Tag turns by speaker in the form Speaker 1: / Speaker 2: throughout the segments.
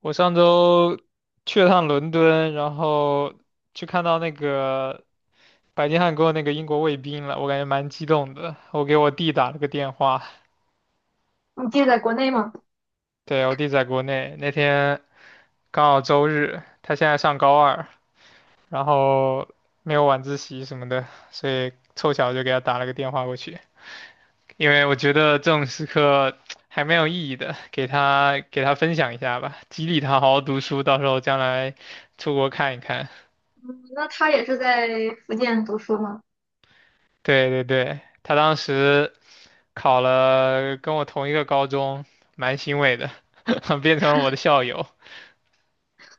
Speaker 1: 我上周去了趟伦敦，然后去看到那个白金汉宫那个英国卫兵了，我感觉蛮激动的。我给我弟打了个电话，
Speaker 2: 你弟在国内吗？
Speaker 1: 对，我弟在国内，那天刚好周日，他现在上高二，然后没有晚自习什么的，所以凑巧就给他打了个电话过去，因为我觉得这种时刻还蛮有意义的，给他分享一下吧，激励他好好读书，到时候将来出国看一看。
Speaker 2: 嗯，那他也是在福建读书吗？
Speaker 1: 对对对，他当时考了跟我同一个高中，蛮欣慰的，变成了我的校友。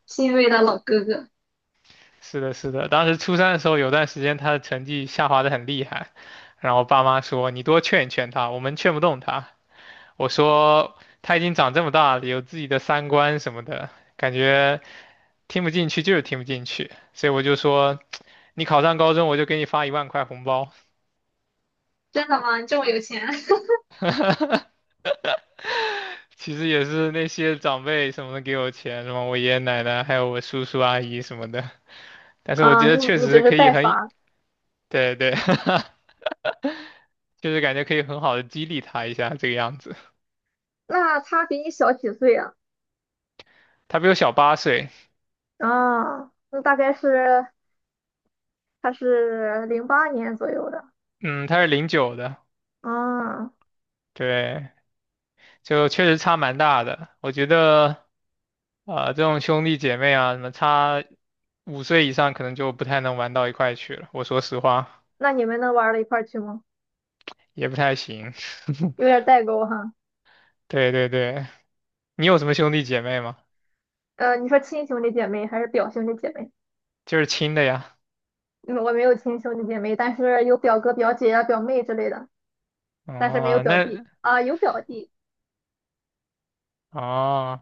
Speaker 2: 欣慰的老哥哥。
Speaker 1: 是的，是的，当时初三的时候，有段时间他的成绩下滑的很厉害，然后我爸妈说你多劝一劝他，我们劝不动他。我说他已经长这么大了，有自己的三观什么的，感觉听不进去就是听不进去，所以我就说你考上高中，我就给你发一万块红包。
Speaker 2: 真的吗？你这么有钱？
Speaker 1: 其实也是那些长辈什么的给我钱，什么我爷爷奶奶，还有我叔叔阿姨什么的。但 是我
Speaker 2: 啊，
Speaker 1: 觉得
Speaker 2: 你
Speaker 1: 确
Speaker 2: 你只
Speaker 1: 实
Speaker 2: 是
Speaker 1: 可以
Speaker 2: 代
Speaker 1: 很，
Speaker 2: 发。
Speaker 1: 对对，就是感觉可以很好的激励他一下这个样子。
Speaker 2: 那他比你小几岁啊？
Speaker 1: 他比我小八岁，
Speaker 2: 啊，那大概是他是08年左右的。
Speaker 1: 嗯，他是零九的，
Speaker 2: 啊。
Speaker 1: 对，就确实差蛮大的。我觉得，啊，这种兄弟姐妹啊，什么差5岁以上，可能就不太能玩到一块去了。我说实话，
Speaker 2: 那你们能玩到一块儿去吗？
Speaker 1: 也不太行。
Speaker 2: 有点代沟哈。
Speaker 1: 对对对，你有什么兄弟姐妹吗？
Speaker 2: 你说亲兄弟姐妹还是表兄弟姐妹？
Speaker 1: 就是亲的呀。
Speaker 2: 嗯，我没有亲兄弟姐妹，但是有表哥、表姐啊、表妹之类的，但是没有
Speaker 1: 哦，
Speaker 2: 表
Speaker 1: 那
Speaker 2: 弟啊，有表弟。
Speaker 1: 哦，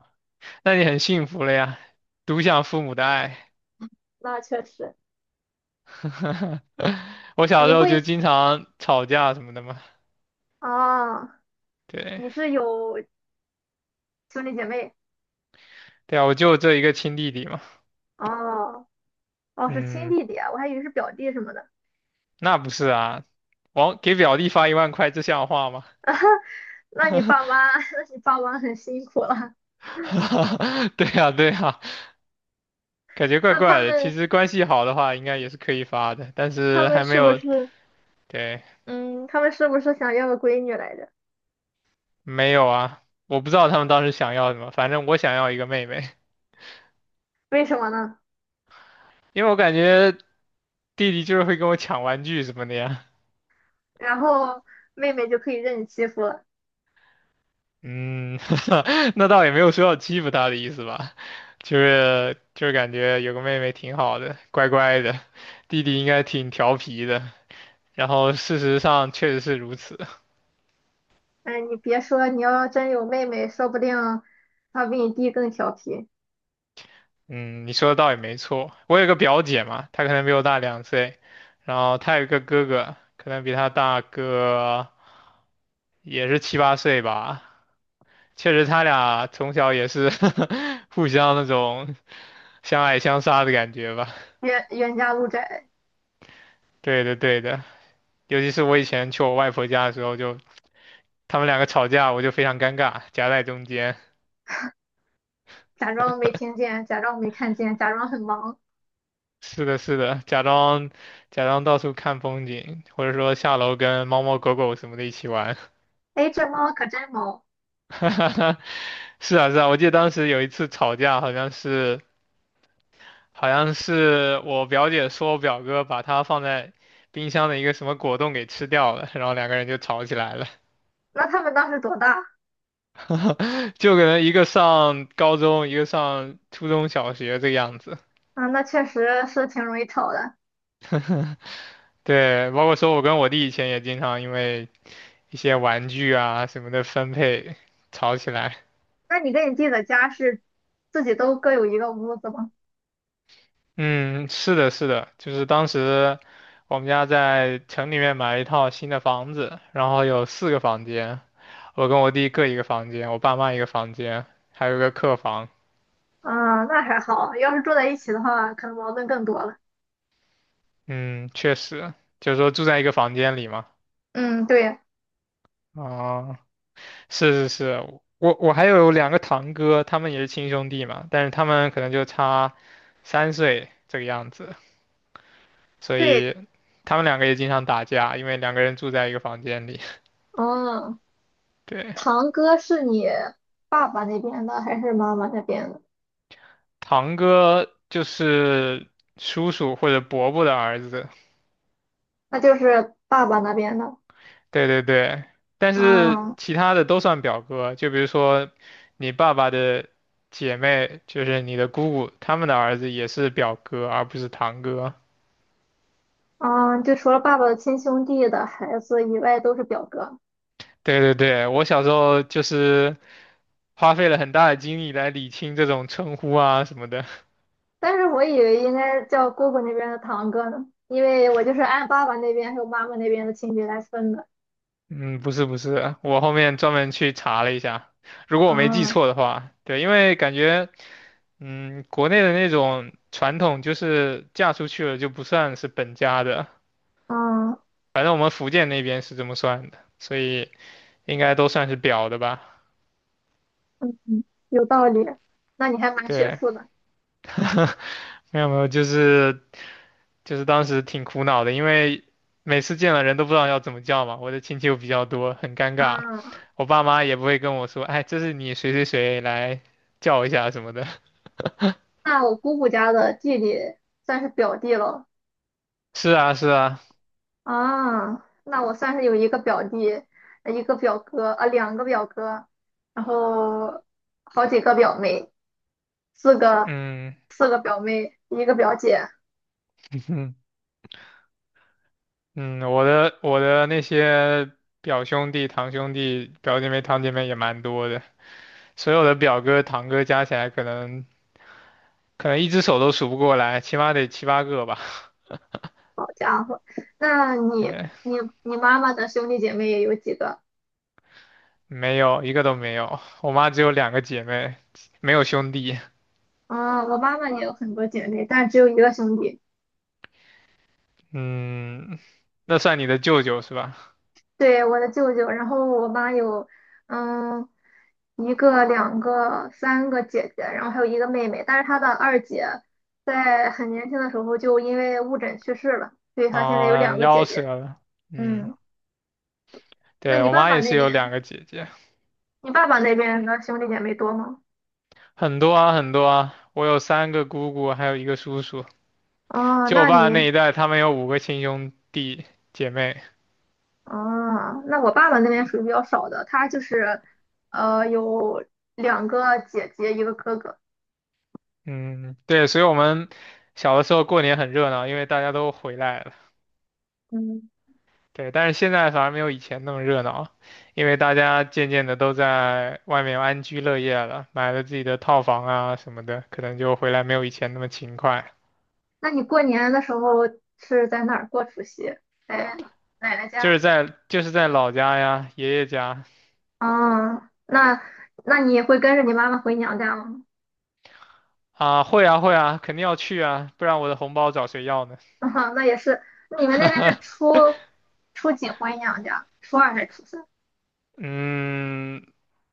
Speaker 1: 那你很幸福了呀，独享父母的爱。
Speaker 2: 那确实。
Speaker 1: 我小
Speaker 2: 你
Speaker 1: 时候
Speaker 2: 会，
Speaker 1: 就经常吵架什么的嘛，
Speaker 2: 哦，
Speaker 1: 对
Speaker 2: 你是有兄弟姐妹？
Speaker 1: 对啊，我就这一个亲弟弟嘛，
Speaker 2: 哦。哦，是亲
Speaker 1: 嗯，
Speaker 2: 弟弟啊，我还以为是表弟什么的。
Speaker 1: 那不是啊，往给表弟发一万块，这像话吗？
Speaker 2: 那你爸妈，那你爸妈很辛苦了。
Speaker 1: 对呀对呀，感觉 怪
Speaker 2: 那他
Speaker 1: 怪的。其
Speaker 2: 们，
Speaker 1: 实关系好的话，应该也是可以发的，但
Speaker 2: 他
Speaker 1: 是
Speaker 2: 们
Speaker 1: 还没
Speaker 2: 是不
Speaker 1: 有，
Speaker 2: 是，
Speaker 1: 对，
Speaker 2: 嗯，他们是不是想要个闺女来着？
Speaker 1: 没有啊，我不知道他们当时想要什么，反正我想要一个妹妹，
Speaker 2: 为什么呢？
Speaker 1: 因为我感觉。弟弟就是会跟我抢玩具什么的呀。
Speaker 2: 然后妹妹就可以任你欺负了。
Speaker 1: 嗯，那倒也没有说要欺负他的意思吧，就是感觉有个妹妹挺好的，乖乖的，弟弟应该挺调皮的。然后事实上确实是如此。
Speaker 2: 哎，你别说，你要真有妹妹，说不定她比你弟更调皮。
Speaker 1: 嗯，你说的倒也没错。我有个表姐嘛，她可能比我大2岁，然后她有一个哥哥，可能比她大个也是七八岁吧。确实，他俩从小也是 互相那种相爱相杀的感觉吧。
Speaker 2: 冤冤家路窄。
Speaker 1: 对的，对的，尤其是我以前去我外婆家的时候就，他们两个吵架，我就非常尴尬，夹在中间。
Speaker 2: 假装没听见，假装没看见，假装很忙。
Speaker 1: 是的，是的，假装到处看风景，或者说下楼跟猫猫狗狗什么的一起玩。
Speaker 2: 哎，这猫可真萌。
Speaker 1: 是啊，是啊，我记得当时有一次吵架，好像是我表姐说我表哥把她放在冰箱的一个什么果冻给吃掉了，然后两个人就吵起来了，
Speaker 2: 那他们当时多大？
Speaker 1: 就可能一个上高中，一个上初中小学这个样子。
Speaker 2: 啊，那确实是挺容易吵的。
Speaker 1: 对，包括说我跟我弟以前也经常因为一些玩具啊什么的分配吵起来。
Speaker 2: 那你跟你弟的家是自己都各有一个屋子吗？
Speaker 1: 嗯，是的，是的，就是当时我们家在城里面买了一套新的房子，然后有四个房间，我跟我弟各一个房间，我爸妈一个房间，还有一个客房。
Speaker 2: 啊，那还好，要是住在一起的话，可能矛盾更多了。
Speaker 1: 嗯，确实，就是说住在一个房间里嘛。
Speaker 2: 嗯，对
Speaker 1: 啊，是是是，我还有两个堂哥，他们也是亲兄弟嘛，但是他们可能就差3岁这个样子。所
Speaker 2: 对。
Speaker 1: 以他们两个也经常打架，因为两个人住在一个房间里。
Speaker 2: 嗯，
Speaker 1: 对，
Speaker 2: 堂哥是你爸爸那边的还是妈妈那边的？
Speaker 1: 堂哥就是叔叔或者伯伯的儿子。
Speaker 2: 那就是爸爸那边的。
Speaker 1: 对对对，但是
Speaker 2: 啊，
Speaker 1: 其他的都算表哥，就比如说你爸爸的姐妹，就是你的姑姑，他们的儿子也是表哥，而不是堂哥。
Speaker 2: 啊，就除了爸爸的亲兄弟的孩子以外，都是表哥。
Speaker 1: 对对对，我小时候就是花费了很大的精力来理清这种称呼啊什么的。
Speaker 2: 但是我以为应该叫姑姑那边的堂哥呢，因为我就是按爸爸那边还有妈妈那边的亲戚来分的。
Speaker 1: 嗯，不是不是，我后面专门去查了一下，如果我没记
Speaker 2: 啊。
Speaker 1: 错的话，对，因为感觉，嗯，国内的那种传统就是嫁出去了就不算是本家的，
Speaker 2: 啊。
Speaker 1: 反正我们福建那边是这么算的，所以应该都算是表的吧。
Speaker 2: 嗯，嗯，有道理。那你还蛮学
Speaker 1: 对，
Speaker 2: 术的。
Speaker 1: 没有没有，就是当时挺苦恼的，因为每次见了人都不知道要怎么叫嘛，我的亲戚又比较多，很尴尬，
Speaker 2: 啊。
Speaker 1: 我爸妈也不会跟我说，哎，这是你谁谁谁来叫一下什么的。
Speaker 2: 那我姑姑家的弟弟算是表弟了。
Speaker 1: 是啊，是啊，
Speaker 2: 啊。那我算是有一个表弟，一个表哥啊，两个表哥，然后好几个表妹，四个，
Speaker 1: 嗯
Speaker 2: 四个表妹，一个表姐。
Speaker 1: 嗯，我的那些表兄弟、堂兄弟、表姐妹、堂姐妹也蛮多的，所有的表哥、堂哥加起来，可能一只手都数不过来，起码得七八个吧。
Speaker 2: 好家伙，那你，
Speaker 1: 对，
Speaker 2: 你，你妈妈的兄弟姐妹有几个？
Speaker 1: 没有一个都没有，我妈只有两个姐妹，没有兄弟。
Speaker 2: 啊，我妈妈也有很多姐妹，但只有一个兄弟。
Speaker 1: 嗯，那算你的舅舅是吧？
Speaker 2: 对，我的舅舅，然后我妈有，嗯，一个、两个、三个姐姐，然后还有一个妹妹，但是她的二姐在很年轻的时候就因为误诊去世了，所以她现在有
Speaker 1: 啊、
Speaker 2: 两个姐
Speaker 1: 夭折
Speaker 2: 姐。
Speaker 1: 了。嗯，
Speaker 2: 嗯，那
Speaker 1: 对，
Speaker 2: 你
Speaker 1: 我
Speaker 2: 爸
Speaker 1: 妈
Speaker 2: 爸
Speaker 1: 也
Speaker 2: 那
Speaker 1: 是有两
Speaker 2: 边，
Speaker 1: 个姐姐，
Speaker 2: 你爸爸那边的兄弟姐妹多吗？
Speaker 1: 很多啊，很多啊，我有三个姑姑，还有一个叔叔。
Speaker 2: 哦，
Speaker 1: 就我
Speaker 2: 那
Speaker 1: 爸那
Speaker 2: 你，
Speaker 1: 一代，他们有五个亲兄弟姐妹。
Speaker 2: 哦，那我爸爸那边属于比较少的，他就是，有两个姐姐，一个哥哥。
Speaker 1: 嗯，对，所以我们小的时候过年很热闹，因为大家都回来了。
Speaker 2: 嗯。
Speaker 1: 对，但是现在反而没有以前那么热闹，因为大家渐渐的都在外面安居乐业了，买了自己的套房啊什么的，可能就回来没有以前那么勤快。
Speaker 2: 那你过年的时候是在哪儿过除夕？在奶奶
Speaker 1: 就
Speaker 2: 家，
Speaker 1: 是在就是在老家呀，爷爷家
Speaker 2: 哦，那，那你会跟着你妈妈回娘家吗？
Speaker 1: 啊，会啊会啊，肯定要去啊，不然我的红包找谁要呢？
Speaker 2: 啊那也是。你们那边是初几回娘家？初二还是初三？
Speaker 1: 嗯，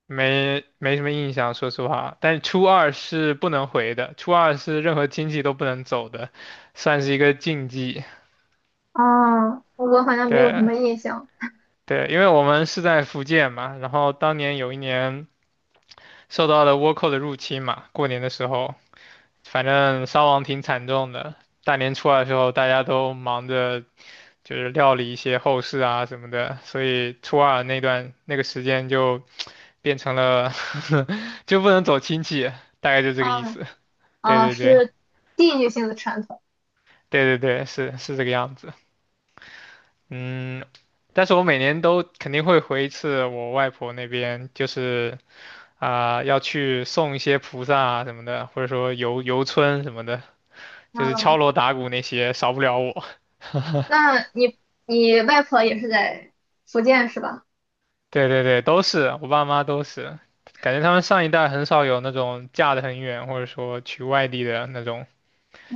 Speaker 1: 没没什么印象，说实话。但是初二是不能回的，初二是任何亲戚都不能走的，算是一个禁忌。
Speaker 2: 哦，我好像没有什
Speaker 1: 对
Speaker 2: 么印象。
Speaker 1: 对，因为我们是在福建嘛，然后当年有一年受到了倭寇的入侵嘛，过年的时候，反正伤亡挺惨重的。大年初二的时候，大家都忙着就是料理一些后事啊什么的，所以初二那段那个时间就变成了 就不能走亲戚，大概就这个意
Speaker 2: 嗯。
Speaker 1: 思。对
Speaker 2: 啊，
Speaker 1: 对对。
Speaker 2: 是地域性的传统。
Speaker 1: 对对对，是是这个样子。嗯，但是我每年都肯定会回一次我外婆那边，就是啊、要去送一些菩萨啊什么的，或者说游游村什么的，就是敲
Speaker 2: 嗯，
Speaker 1: 锣打鼓那些少不了我。
Speaker 2: 那你，你外婆也是在福建是吧？
Speaker 1: 对对对，都是我爸妈都是，感觉他们上一代很少有那种嫁得很远，或者说去外地的那种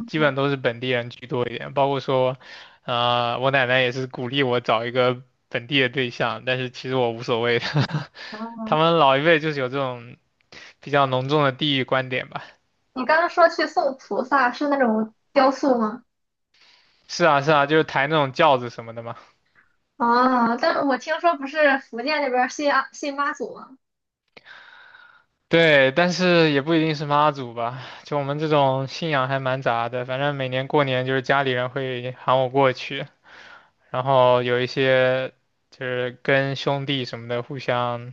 Speaker 1: 基本都是本地人居多一点，包括说，啊，我奶奶也是鼓励我找一个本地的对象，但是其实我无所谓的。他
Speaker 2: 嗯，
Speaker 1: 们老一辈就是有这种比较浓重的地域观点吧。
Speaker 2: 你刚刚说去送菩萨是那种雕塑吗？
Speaker 1: 是啊，是啊，就是抬那种轿子什么的嘛。
Speaker 2: 哦，但我听说不是福建那边儿信啊信妈祖吗？
Speaker 1: 对，但是也不一定是妈祖吧，就我们这种信仰还蛮杂的。反正每年过年就是家里人会喊我过去，然后有一些就是跟兄弟什么的互相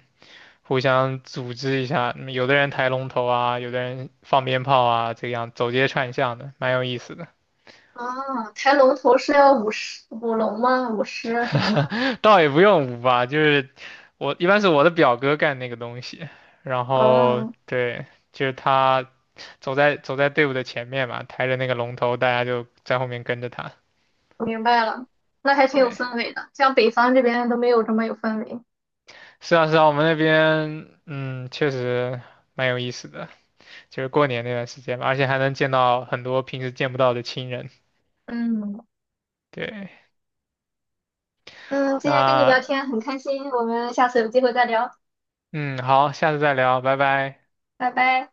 Speaker 1: 互相组织一下，嗯有的人抬龙头啊，有的人放鞭炮啊，这样走街串巷的，蛮有意思的。
Speaker 2: 哦，抬龙头是要舞狮、舞龙吗？舞狮什么的。
Speaker 1: 倒也不用舞吧，就是我一般是我的表哥干那个东西，然后
Speaker 2: 哦，
Speaker 1: 对，就是他走在队伍的前面嘛，抬着那个龙头，大家就在后面跟着他。
Speaker 2: 明白了。那还挺有
Speaker 1: 对，
Speaker 2: 氛围的，像北方这边都没有这么有氛围。
Speaker 1: 是啊是啊，我们那边确实蛮有意思的，就是过年那段时间吧，而且还能见到很多平时见不到的亲人。
Speaker 2: 嗯，
Speaker 1: 对，
Speaker 2: 嗯，今天跟你聊
Speaker 1: 那
Speaker 2: 天很开心，我们下次有机会再聊，
Speaker 1: 嗯，好，下次再聊，拜拜。
Speaker 2: 拜拜。